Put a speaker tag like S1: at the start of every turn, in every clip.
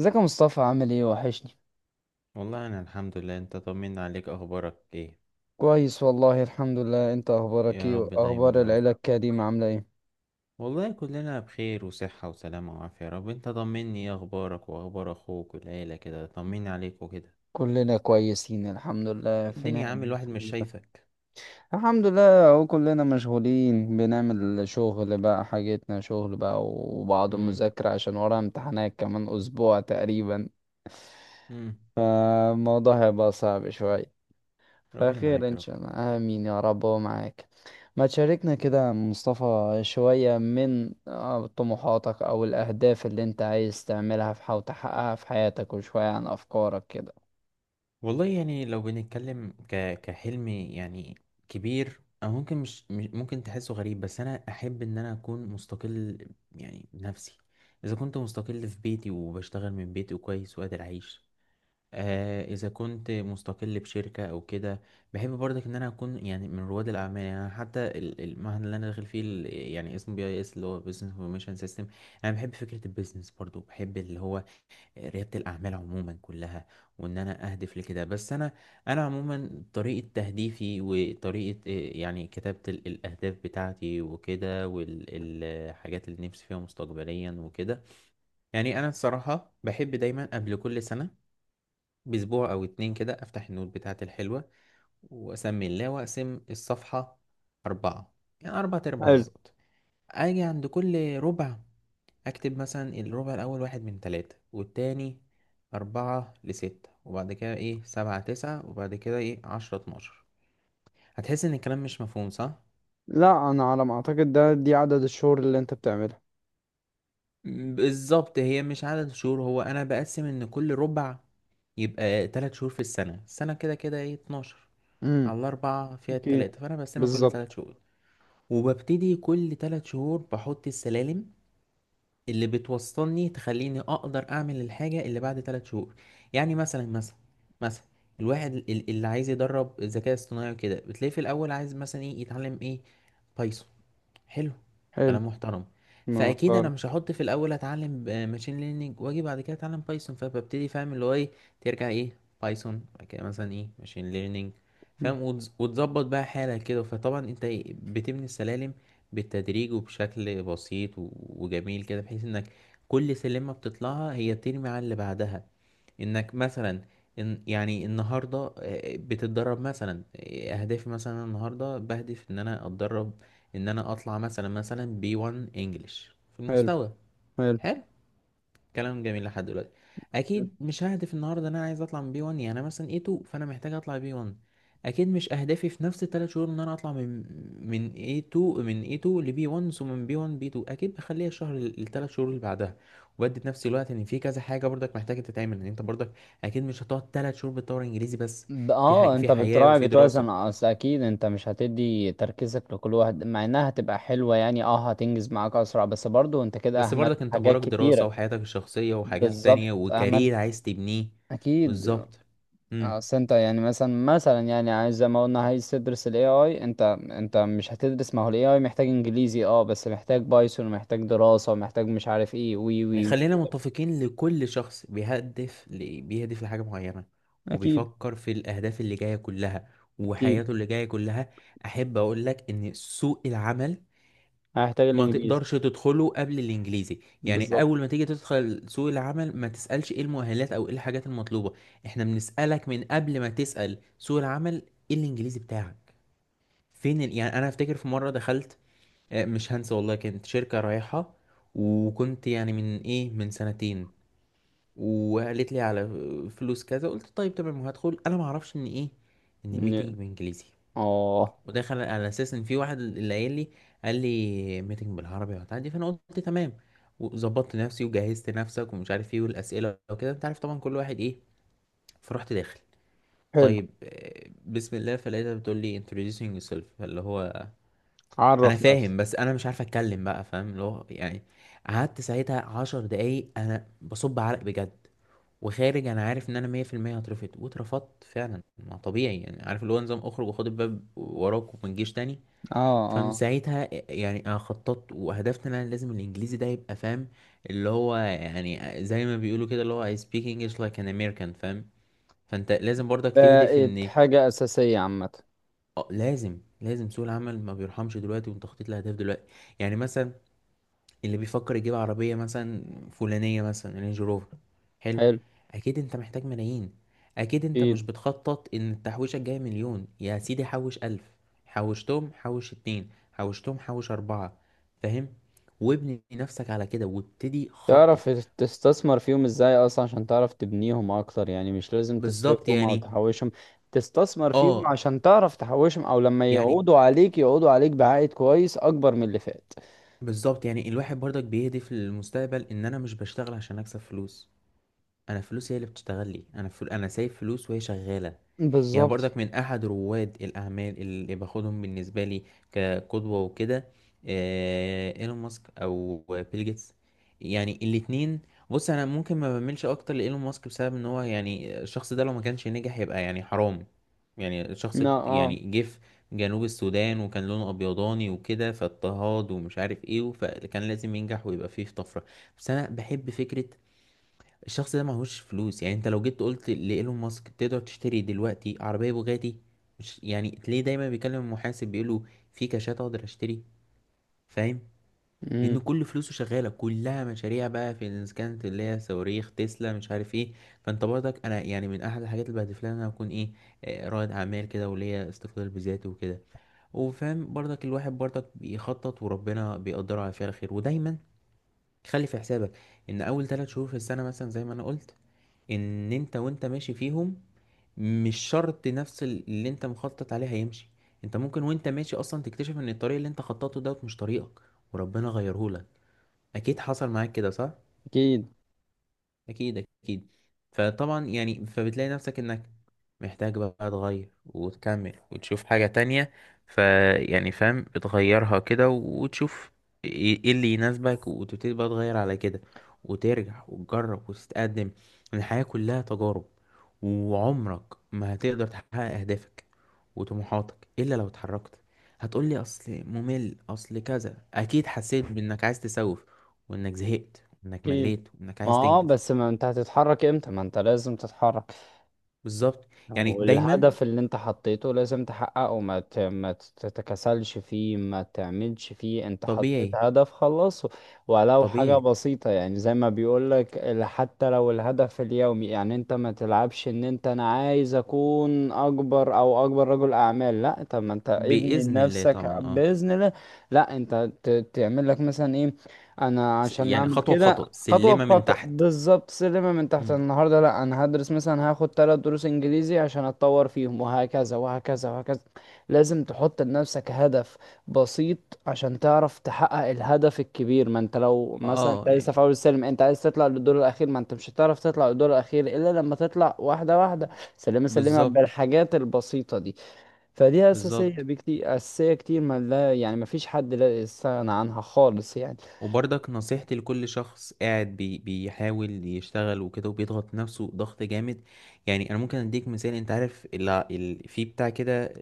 S1: ازيك يا مصطفى؟ عامل ايه؟ وحشني.
S2: والله انا الحمد لله. انت طمنا عليك، اخبارك ايه؟
S1: كويس والله الحمد لله. انت اخبارك ايه؟
S2: يا رب
S1: واخبار
S2: دايما يا رب.
S1: العيلة الكريمة عاملة ايه؟
S2: والله كلنا بخير وصحة وسلامة وعافية يا رب. انت طمني، ايه اخبارك واخبار اخوك والعيلة؟ كده طمني عليك وكده.
S1: كلنا كويسين الحمد لله، في نعم
S2: الدنيا، عامل الواحد
S1: الحمد
S2: مش
S1: لله
S2: شايفك.
S1: الحمد لله. اهو كلنا مشغولين، بنعمل شغل بقى، حاجتنا شغل بقى وبعض
S2: امم
S1: المذاكرة، عشان ورا امتحانات كمان اسبوع تقريبا.
S2: امم
S1: فالموضوع هيبقى صعب شوية.
S2: ربنا
S1: فخير
S2: معاك يا
S1: ان
S2: رب.
S1: شاء الله، امين يا رب، ومعاك. ما تشاركنا كده مصطفى شوية من طموحاتك او الاهداف اللي انت عايز تعملها في او تحققها في حياتك، وشوية عن افكارك كده.
S2: والله لو بنتكلم كحلم يعني كبير، او ممكن ممكن تحسه غريب، بس انا احب ان انا اكون مستقل يعني بنفسي. اذا كنت مستقل في بيتي وبشتغل من بيتي وكويس وقادر اعيش. اذا كنت مستقل بشركه او كده. بحب برضك ان انا اكون يعني من رواد الاعمال. يعني أنا حتى المهن اللي انا داخل فيه يعني اسمه بي اي اس، اللي هو بزنس انفورميشن سيستم. انا بحب فكره البيزنس برضو، بحب اللي هو رياده الاعمال عموما كلها، وان انا اهدف لكده. بس انا انا عموما طريقه تهديفي وطريقه يعني كتابه الاهداف بتاعتي وكده، والحاجات اللي نفسي فيها مستقبليا وكده، يعني انا الصراحه بحب دايما قبل كل سنه بأسبوع أو اتنين كده أفتح النوت بتاعتي الحلوة، وأسمي الله وأقسم الصفحة أربعة، يعني أربعة أرباع
S1: حلو.
S2: بالظبط. أجي عند كل ربع أكتب مثلا الربع الأول واحد من تلاتة، والتاني أربعة لستة، وبعد كده إيه سبعة تسعة، وبعد كده إيه عشرة اتناشر. هتحس إن الكلام مش مفهوم صح؟
S1: لا، انا على ما اعتقد ده دي عدد الشهور اللي انت بتعملها.
S2: بالظبط، هي مش عدد شهور، هو أنا بقسم إن كل ربع يبقى تلات شهور في السنة. السنة كده كده إيه اتناشر،
S1: امم.
S2: على الأربعة فيها
S1: اوكي.
S2: التلاتة، فأنا بقسمها كل تلات
S1: بالظبط.
S2: شهور. وببتدي كل تلات شهور بحط السلالم اللي بتوصلني تخليني اقدر اعمل الحاجة اللي بعد تلات شهور. يعني مثلا، الواحد اللي عايز يدرب الذكاء الاصطناعي وكده، بتلاقيه في الاول عايز مثلا ايه، يتعلم ايه؟ بايثون. حلو،
S1: حلو.
S2: كلام محترم. فاكيد انا
S1: محترم.
S2: مش هحط في الاول اتعلم ماشين ليرنينج واجي بعد كده اتعلم بايثون. فببتدي فاهم اللي هو ايه، ترجع ايه؟ بايثون، بعد كده مثلا ايه، ماشين ليرنينج.
S1: مم.
S2: فاهم؟ وتظبط بقى حالك كده. فطبعا انت إيه، بتبني السلالم بالتدريج وبشكل بسيط وجميل كده، بحيث انك كل سلمة بتطلعها هي بترمي على اللي بعدها. انك مثلا إن يعني النهارده بتتدرب مثلا، اهدافي مثلا النهارده بهدف ان انا اتدرب ان انا اطلع مثلا بي 1 انجلش في
S1: حلو.
S2: المستوى.
S1: حلو.
S2: حلو، كلام جميل لحد دلوقتي. اكيد مش ههدف النهارده ان انا عايز اطلع من بي 1، يعني انا مثلا اي 2 فانا محتاج اطلع بي 1. اكيد مش اهدافي في نفس الثلاث شهور ان انا اطلع من اي 2، من اي 2 لبي 1، ثم من بي 1 بي 2، اكيد بخليها الشهر الثلاث شهور اللي بعدها. وبدي في نفس الوقت ان في كذا حاجه برضك محتاجه تتعمل، ان انت برضك اكيد مش هتقعد ثلاث شهور بتطور انجليزي بس. في حاجه
S1: اه،
S2: في
S1: انت
S2: حياه
S1: بتراعي،
S2: وفي دراسه،
S1: بتوازن، اصل اكيد انت مش هتدي تركيزك لكل واحد، مع انها هتبقى حلوة يعني، اه هتنجز معاك اسرع، بس برضو انت كده
S2: بس
S1: اهملت
S2: برضك انت
S1: حاجات
S2: وراك دراسه
S1: كتيرة.
S2: وحياتك الشخصيه وحاجات
S1: بالظبط
S2: تانية
S1: اهملت.
S2: وكارير عايز تبنيه.
S1: اكيد.
S2: بالظبط. إمم.
S1: اصل انت يعني مثلا، يعني عايز زي ما قلنا، عايز تدرس الاي اي. انت انت مش هتدرس؟ ما هو الاي اي محتاج انجليزي اه، بس محتاج بايثون، ومحتاج دراسة، ومحتاج مش عارف ايه، وي
S2: يعني
S1: وي.
S2: خلينا متفقين، لكل شخص بيهدف بيهدف لحاجة معينة،
S1: اكيد
S2: وبيفكر في الأهداف اللي جاية كلها
S1: اكيد.
S2: وحياته اللي جاية كلها. أحب أقول لك إن سوق العمل
S1: هيحتاج
S2: ما
S1: الانجليزي.
S2: تقدرش تدخله قبل الإنجليزي. يعني
S1: بالظبط.
S2: أول ما تيجي تدخل سوق العمل ما تسألش إيه المؤهلات أو إيه الحاجات المطلوبة، إحنا بنسألك من قبل ما تسأل سوق العمل، إيه الإنجليزي بتاعك. فين يعني أنا أفتكر في مرة دخلت، مش هنسى والله، كانت شركة رايحة، وكنت يعني من إيه، من سنتين. وقالت لي على فلوس كذا، قلت طيب تمام وهدخل. انا ما اعرفش ان ايه، ان الميتنج
S1: ن-
S2: بانجليزي.
S1: اه.
S2: وداخل على اساس ان في واحد اللي قايل لي، قال لي ميتنج بالعربي وبتاع دي، فانا قلت تمام. وظبطت نفسي وجهزت نفسك ومش عارف ايه، والاسئله وكده، انت عارف طبعا كل واحد ايه. فرحت داخل.
S1: حلو.
S2: طيب، بسم الله. فلقيتها بتقول لي introducing yourself، فاللي هو انا
S1: عرف نفسك.
S2: فاهم، بس انا مش عارف اتكلم بقى، فاهم اللي هو يعني. قعدت ساعتها عشر دقايق انا بصب عرق بجد. وخارج انا عارف ان انا 100% هترفض، واترفضت فعلا. ما طبيعي يعني، عارف اللي هو نظام اخرج وخد الباب وراك وما تجيش تاني.
S1: اه
S2: فمن
S1: آه.
S2: ساعتها يعني انا خططت وهدفت ان انا لازم الانجليزي ده يبقى فاهم، اللي هو يعني زي ما بيقولوا كده اللي هو I speak English like an American، فاهم. فانت لازم برضك تهدف
S1: بقت
S2: ان
S1: حاجة أساسية عامة.
S2: اه، لازم سوق العمل ما بيرحمش دلوقتي، وانت خطيت لاهداف دلوقتي. يعني مثلا اللي بيفكر يجيب عربية مثلا فلانية، مثلا رينج روفر، حلو.
S1: حلو.
S2: أكيد أنت محتاج ملايين. أكيد أنت
S1: إيه.
S2: مش بتخطط إن التحويشة الجاية مليون، يا سيدي حوش ألف، حوشتهم حوش اتنين، حوشتهم حوش أربعة، فاهم؟ وابني نفسك على كده وابتدي خطط.
S1: تعرف تستثمر فيهم إزاي أصلا، عشان تعرف تبنيهم أكتر، يعني مش لازم
S2: بالظبط
S1: تصرفهم أو
S2: يعني،
S1: تحوشهم. تستثمر فيهم
S2: اه
S1: عشان تعرف تحوشهم، أو لما
S2: يعني
S1: يقعدوا عليك يقعدوا عليك بعائد كويس أكبر من اللي فات.
S2: بالظبط، يعني الواحد برضك بيهدف للمستقبل ان انا مش بشتغل عشان اكسب فلوس، انا فلوس هي اللي بتشتغل لي. انا انا سايب فلوس وهي شغالة. يعني
S1: بالظبط.
S2: برضك من أحد رواد الأعمال اللي باخدهم بالنسبة لي كقدوة وكده، إيلون ماسك أو بيل جيتس، يعني الاتنين. بص، أنا ممكن ما بميلش أكتر لإيلون ماسك بسبب إن هو يعني الشخص ده لو ما كانش نجح يبقى يعني حرام. يعني الشخص
S1: لا
S2: يعني
S1: اه.
S2: جه في جنوب السودان وكان لونه أبيضاني وكده، فاضطهاد ومش عارف إيه، فكان لازم ينجح ويبقى فيه في طفرة. بس أنا بحب فكرة الشخص ده معهوش فلوس. يعني انت لو جيت قلت لإيلون ماسك تقدر تشتري دلوقتي عربية بوجاتي، مش يعني تلاقيه دايما بيكلم المحاسب بيقوله في كاشات اقدر اشتري، فاهم؟ لان
S1: أمم،
S2: كل فلوسه شغالة، كلها مشاريع بقى في، إذا كانت اللي هي صواريخ تسلا مش عارف ايه. فانت برضك، انا يعني من احد الحاجات اللي بهدف لها ان انا اكون ايه، رائد اعمال كده وليا استقلال بذاتي وكده. وفاهم برضك الواحد برضك بيخطط، وربنا بيقدره على فعل خير. ودايما خلي في حسابك ان اول ثلاث شهور في السنة مثلا زي ما انا قلت، ان انت وانت ماشي فيهم مش شرط نفس اللي انت مخطط عليه هيمشي. انت ممكن وانت ماشي اصلا تكتشف ان الطريق اللي انت خططته دوت مش طريقك، وربنا غيرهولك. اكيد حصل معاك كده صح؟
S1: أكيد
S2: اكيد، فطبعا يعني فبتلاقي نفسك انك محتاج بقى تغير وتكمل وتشوف حاجة تانية. فيعني فاهم بتغيرها كده وتشوف إيه اللي يناسبك، وتبتدي بقى تغير على كده، وترجع وتجرب وتتقدم. الحياة كلها تجارب، وعمرك ما هتقدر تحقق اهدافك وطموحاتك الا لو اتحركت. هتقولي اصل ممل، اصل كذا، اكيد حسيت بانك عايز تسوف، وانك زهقت وانك
S1: أكيد.
S2: مليت وانك
S1: ما
S2: عايز
S1: اه،
S2: تنجز.
S1: بس ما انت هتتحرك امتى؟ ما انت لازم تتحرك.
S2: بالظبط يعني دايما.
S1: والهدف اللي انت حطيته لازم تحققه، ما تتكسلش فيه، ما تعملش فيه، انت حطيت
S2: طبيعي،
S1: هدف خلصه. ولو حاجة
S2: طبيعي،
S1: بسيطة، يعني زي ما بيقولك حتى لو الهدف اليومي، يعني انت ما تلعبش ان انت انا عايز اكون اكبر، او اكبر رجل اعمال، لا، طب ما انت ابني
S2: بإذن الله
S1: لنفسك
S2: طبعا. اه،
S1: بإذن الله. لا انت تعمل لك مثلا ايه، انا عشان
S2: يعني
S1: اعمل
S2: خطوة
S1: كده.
S2: بخطوة،
S1: خطوة
S2: سلمة من
S1: بخطوة
S2: تحت.
S1: بالظبط، سلمة من تحت.
S2: مم.
S1: النهاردة لا أنا هدرس، مثلا هاخد تلات دروس إنجليزي عشان أتطور فيهم، وهكذا وهكذا وهكذا. لازم تحط لنفسك هدف بسيط، عشان تعرف تحقق الهدف الكبير. ما أنت لو مثلا
S2: اه
S1: أنت لسه
S2: يعني
S1: في أول السلم، أنت عايز تطلع للدور الأخير، ما أنت مش هتعرف تطلع للدور الأخير إلا لما تطلع واحدة واحدة، سلمة سلمة
S2: بالظبط،
S1: بالحاجات البسيطة دي. فدي أساسية
S2: بالظبط.
S1: بكتير، أساسية كتير، ما لا يعني ما فيش حد لا يستغنى عنها خالص يعني.
S2: وبرضك نصيحتي لكل شخص قاعد بي بيحاول يشتغل وكده وبيضغط نفسه ضغط جامد، يعني انا ممكن اديك مثال. انت عارف في بتاع كده،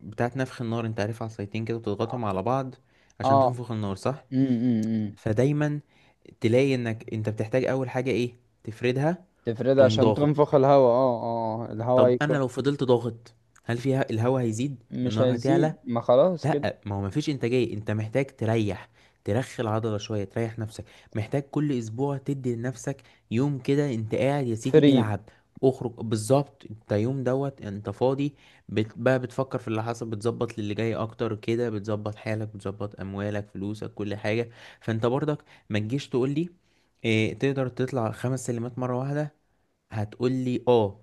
S2: بتاعت نفخ النار، انت عارف عصايتين كده بتضغطهم على بعض عشان
S1: آه.
S2: تنفخ النار صح؟
S1: أمم، أمم، أمم.
S2: فدايما تلاقي انك انت بتحتاج اول حاجة ايه، تفردها.
S1: تفرد
S2: تقوم
S1: عشان
S2: ضاغط.
S1: تنفخ الهواء اه اه آه. الهواء
S2: طب انا
S1: يكون.
S2: لو فضلت ضاغط، هل فيها الهواء هيزيد،
S1: مش
S2: النار هتعلى؟
S1: هيزيد، ما خلاص كده.
S2: لا ما هو مفيش انتاجيه، انت محتاج تريح، ترخي العضله شويه، تريح نفسك. محتاج كل اسبوع تدي لنفسك يوم كده، انت قاعد يا سيدي
S1: فري.
S2: العب، اخرج. بالظبط، انت يوم دوت انت فاضي. بقى بتفكر في اللي حصل، بتظبط للي جاي اكتر كده، بتظبط حالك، بتظبط اموالك فلوسك كل حاجه. فانت برضك ما تجيش تقول لي إيه، تقدر تطلع خمس سلمات مره واحده، هتقول لي اه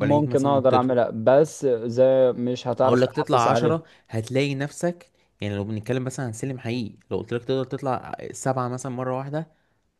S2: ولا هيك. مثلا
S1: اقدر
S2: نطيتهم،
S1: اعملها، بس زي مش
S2: اقول
S1: هتعرف
S2: لك
S1: تحافظ
S2: تطلع
S1: عليها.
S2: عشرة، هتلاقي نفسك. يعني لو بنتكلم مثلا عن سلم حقيقي، لو قلت لك تقدر تطلع سبعة مثلا مرة واحدة،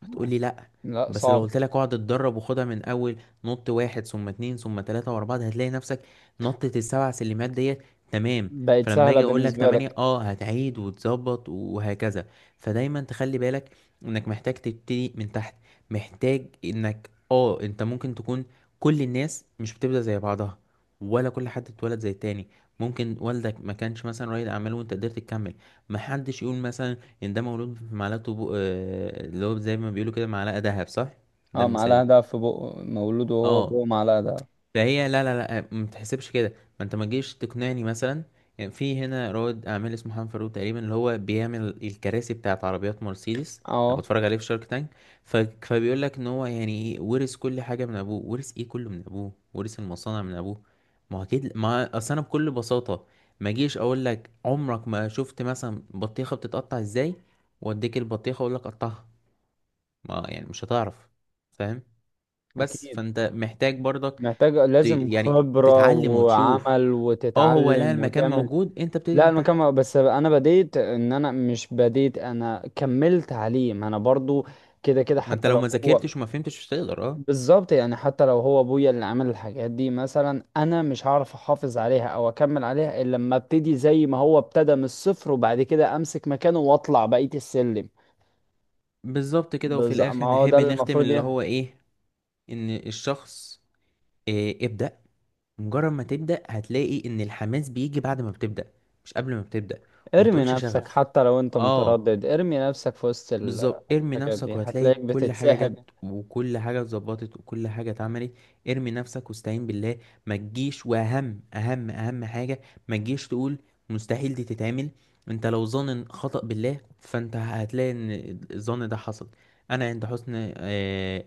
S2: هتقولي لأ.
S1: لا
S2: بس لو
S1: صعب.
S2: قلت لك اقعد اتدرب وخدها من اول، نط واحد ثم اتنين ثم تلاتة واربعة، هتلاقي نفسك نطة السبع سلمات ديت، تمام.
S1: بقت
S2: فلما
S1: سهلة
S2: اجي اقول لك
S1: بالنسبة
S2: تمانية
S1: لك.
S2: اه هتعيد وتظبط، وهكذا. فدايما تخلي بالك انك محتاج تبتدي من تحت، محتاج انك اه انت ممكن تكون. كل الناس مش بتبدأ زي بعضها، ولا كل حد اتولد زي التاني. ممكن والدك ما كانش مثلا رائد اعمال وانت قدرت تكمل. محدش يقول مثلا يعني ده مولود في اللي هو زي ما بيقولوا كده معلقة ذهب، صح؟ ده
S1: اه، معلقة
S2: مثال.
S1: دهب في بقه، مولود وهو
S2: اه
S1: بقه معلقة دهب.
S2: فهي لا لا لا ما تحسبش كده. ما انت ما تجيش تقنعني مثلا، يعني في هنا رائد اعمال اسمه حنان فاروق تقريبا، اللي هو بيعمل الكراسي بتاعت عربيات مرسيدس. انا
S1: اه.
S2: بتفرج عليه في شارك تانك. ف... فبيقول لك ان هو يعني ايه ورث كل حاجه من ابوه، ورث ايه كله من ابوه، ورث المصانع من ابوه. ما هو اكيد، ما اصل انا بكل بساطه ما اجيش اقول لك عمرك ما شفت مثلا بطيخه بتتقطع ازاي، واديك البطيخه اقول لك قطعها، ما يعني مش هتعرف، فاهم؟ بس
S1: اكيد.
S2: فانت محتاج برضك
S1: محتاج، لازم
S2: يعني
S1: خبرة
S2: تتعلم وتشوف.
S1: وعمل،
S2: اه هو لا،
S1: وتتعلم
S2: المكان
S1: وتعمل.
S2: موجود، انت بتبتدي
S1: لا
S2: من تحت.
S1: المكان، بس انا بديت ان انا مش بديت، انا كملت عليه، ما انا برضو كده كده
S2: ما انت
S1: حتى
S2: لو
S1: لو
S2: ما
S1: هو.
S2: ذاكرتش وما فهمتش مش هتقدر اه.
S1: بالظبط، يعني حتى لو هو ابويا اللي عمل الحاجات دي مثلا، انا مش هعرف احافظ عليها او اكمل عليها الا لما ابتدي زي ما هو ابتدى من الصفر، وبعد كده امسك مكانه واطلع بقية السلم.
S2: بالظبط كده. وفي
S1: بالظبط،
S2: الاخر
S1: ما هو ده
S2: نحب
S1: اللي
S2: نختم
S1: المفروض
S2: اللي
S1: يعني.
S2: هو ايه، ان الشخص إيه، ابدأ. مجرد ما تبدأ هتلاقي ان الحماس بيجي بعد ما بتبدأ، مش قبل ما بتبدأ. وما
S1: ارمي
S2: تقولش
S1: نفسك
S2: شغف.
S1: حتى لو انت
S2: اه
S1: متردد، ارمي نفسك في وسط
S2: بالظبط، ارمي
S1: الحاجات دي،
S2: نفسك وهتلاقي
S1: هتلاقيك
S2: كل حاجة
S1: بتتسحب.
S2: جت، وكل حاجة اتظبطت، وكل حاجة اتعملت. ارمي نفسك واستعين بالله. ما تجيش واهم اهم اهم حاجة، ما تجيش تقول مستحيل دي تتعمل. انت لو ظن خطأ بالله فانت هتلاقي ان الظن ده حصل. انا عند حسن اه،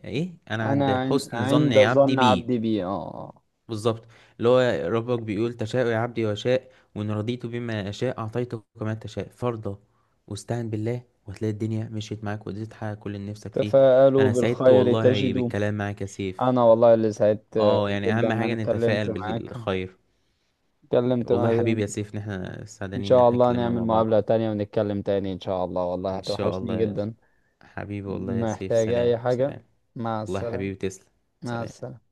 S2: ايه، انا عند حسن ظن
S1: عند
S2: عبدي
S1: ظن
S2: بيه.
S1: عبدي بي اه آه.
S2: بالظبط، اللي هو ربك بيقول تشاء يا عبدي وشاء، وإن رضيت بما أشاء أعطيتك كما تشاء فرضا. واستعن بالله وهتلاقي الدنيا مشيت معاك وقدرت تحقق كل اللي نفسك فيه.
S1: تفاءلوا
S2: أنا سعدت
S1: بالخير
S2: والله
S1: تجدوا.
S2: بالكلام معاك يا سيف.
S1: انا والله اللي سعدت
S2: اه يعني
S1: جدا
S2: أهم
S1: ان
S2: حاجة
S1: انا اتكلمت
S2: نتفائل
S1: معاك.
S2: بالخير.
S1: اتكلمت.
S2: والله حبيبي يا سيف، إن احنا
S1: ان
S2: سعدانين إن
S1: شاء
S2: احنا
S1: الله
S2: اتكلمنا
S1: نعمل
S2: مع بعض.
S1: مقابلة تانية ونتكلم تاني ان شاء الله، والله
S2: إن شاء
S1: هتوحشني
S2: الله يا
S1: جدا.
S2: حبيبي، والله يا سيف،
S1: محتاج اي
S2: سلام،
S1: حاجة.
S2: سلام.
S1: مع
S2: والله يا
S1: السلامة.
S2: حبيبي، تسلم،
S1: مع
S2: سلام.
S1: السلامة.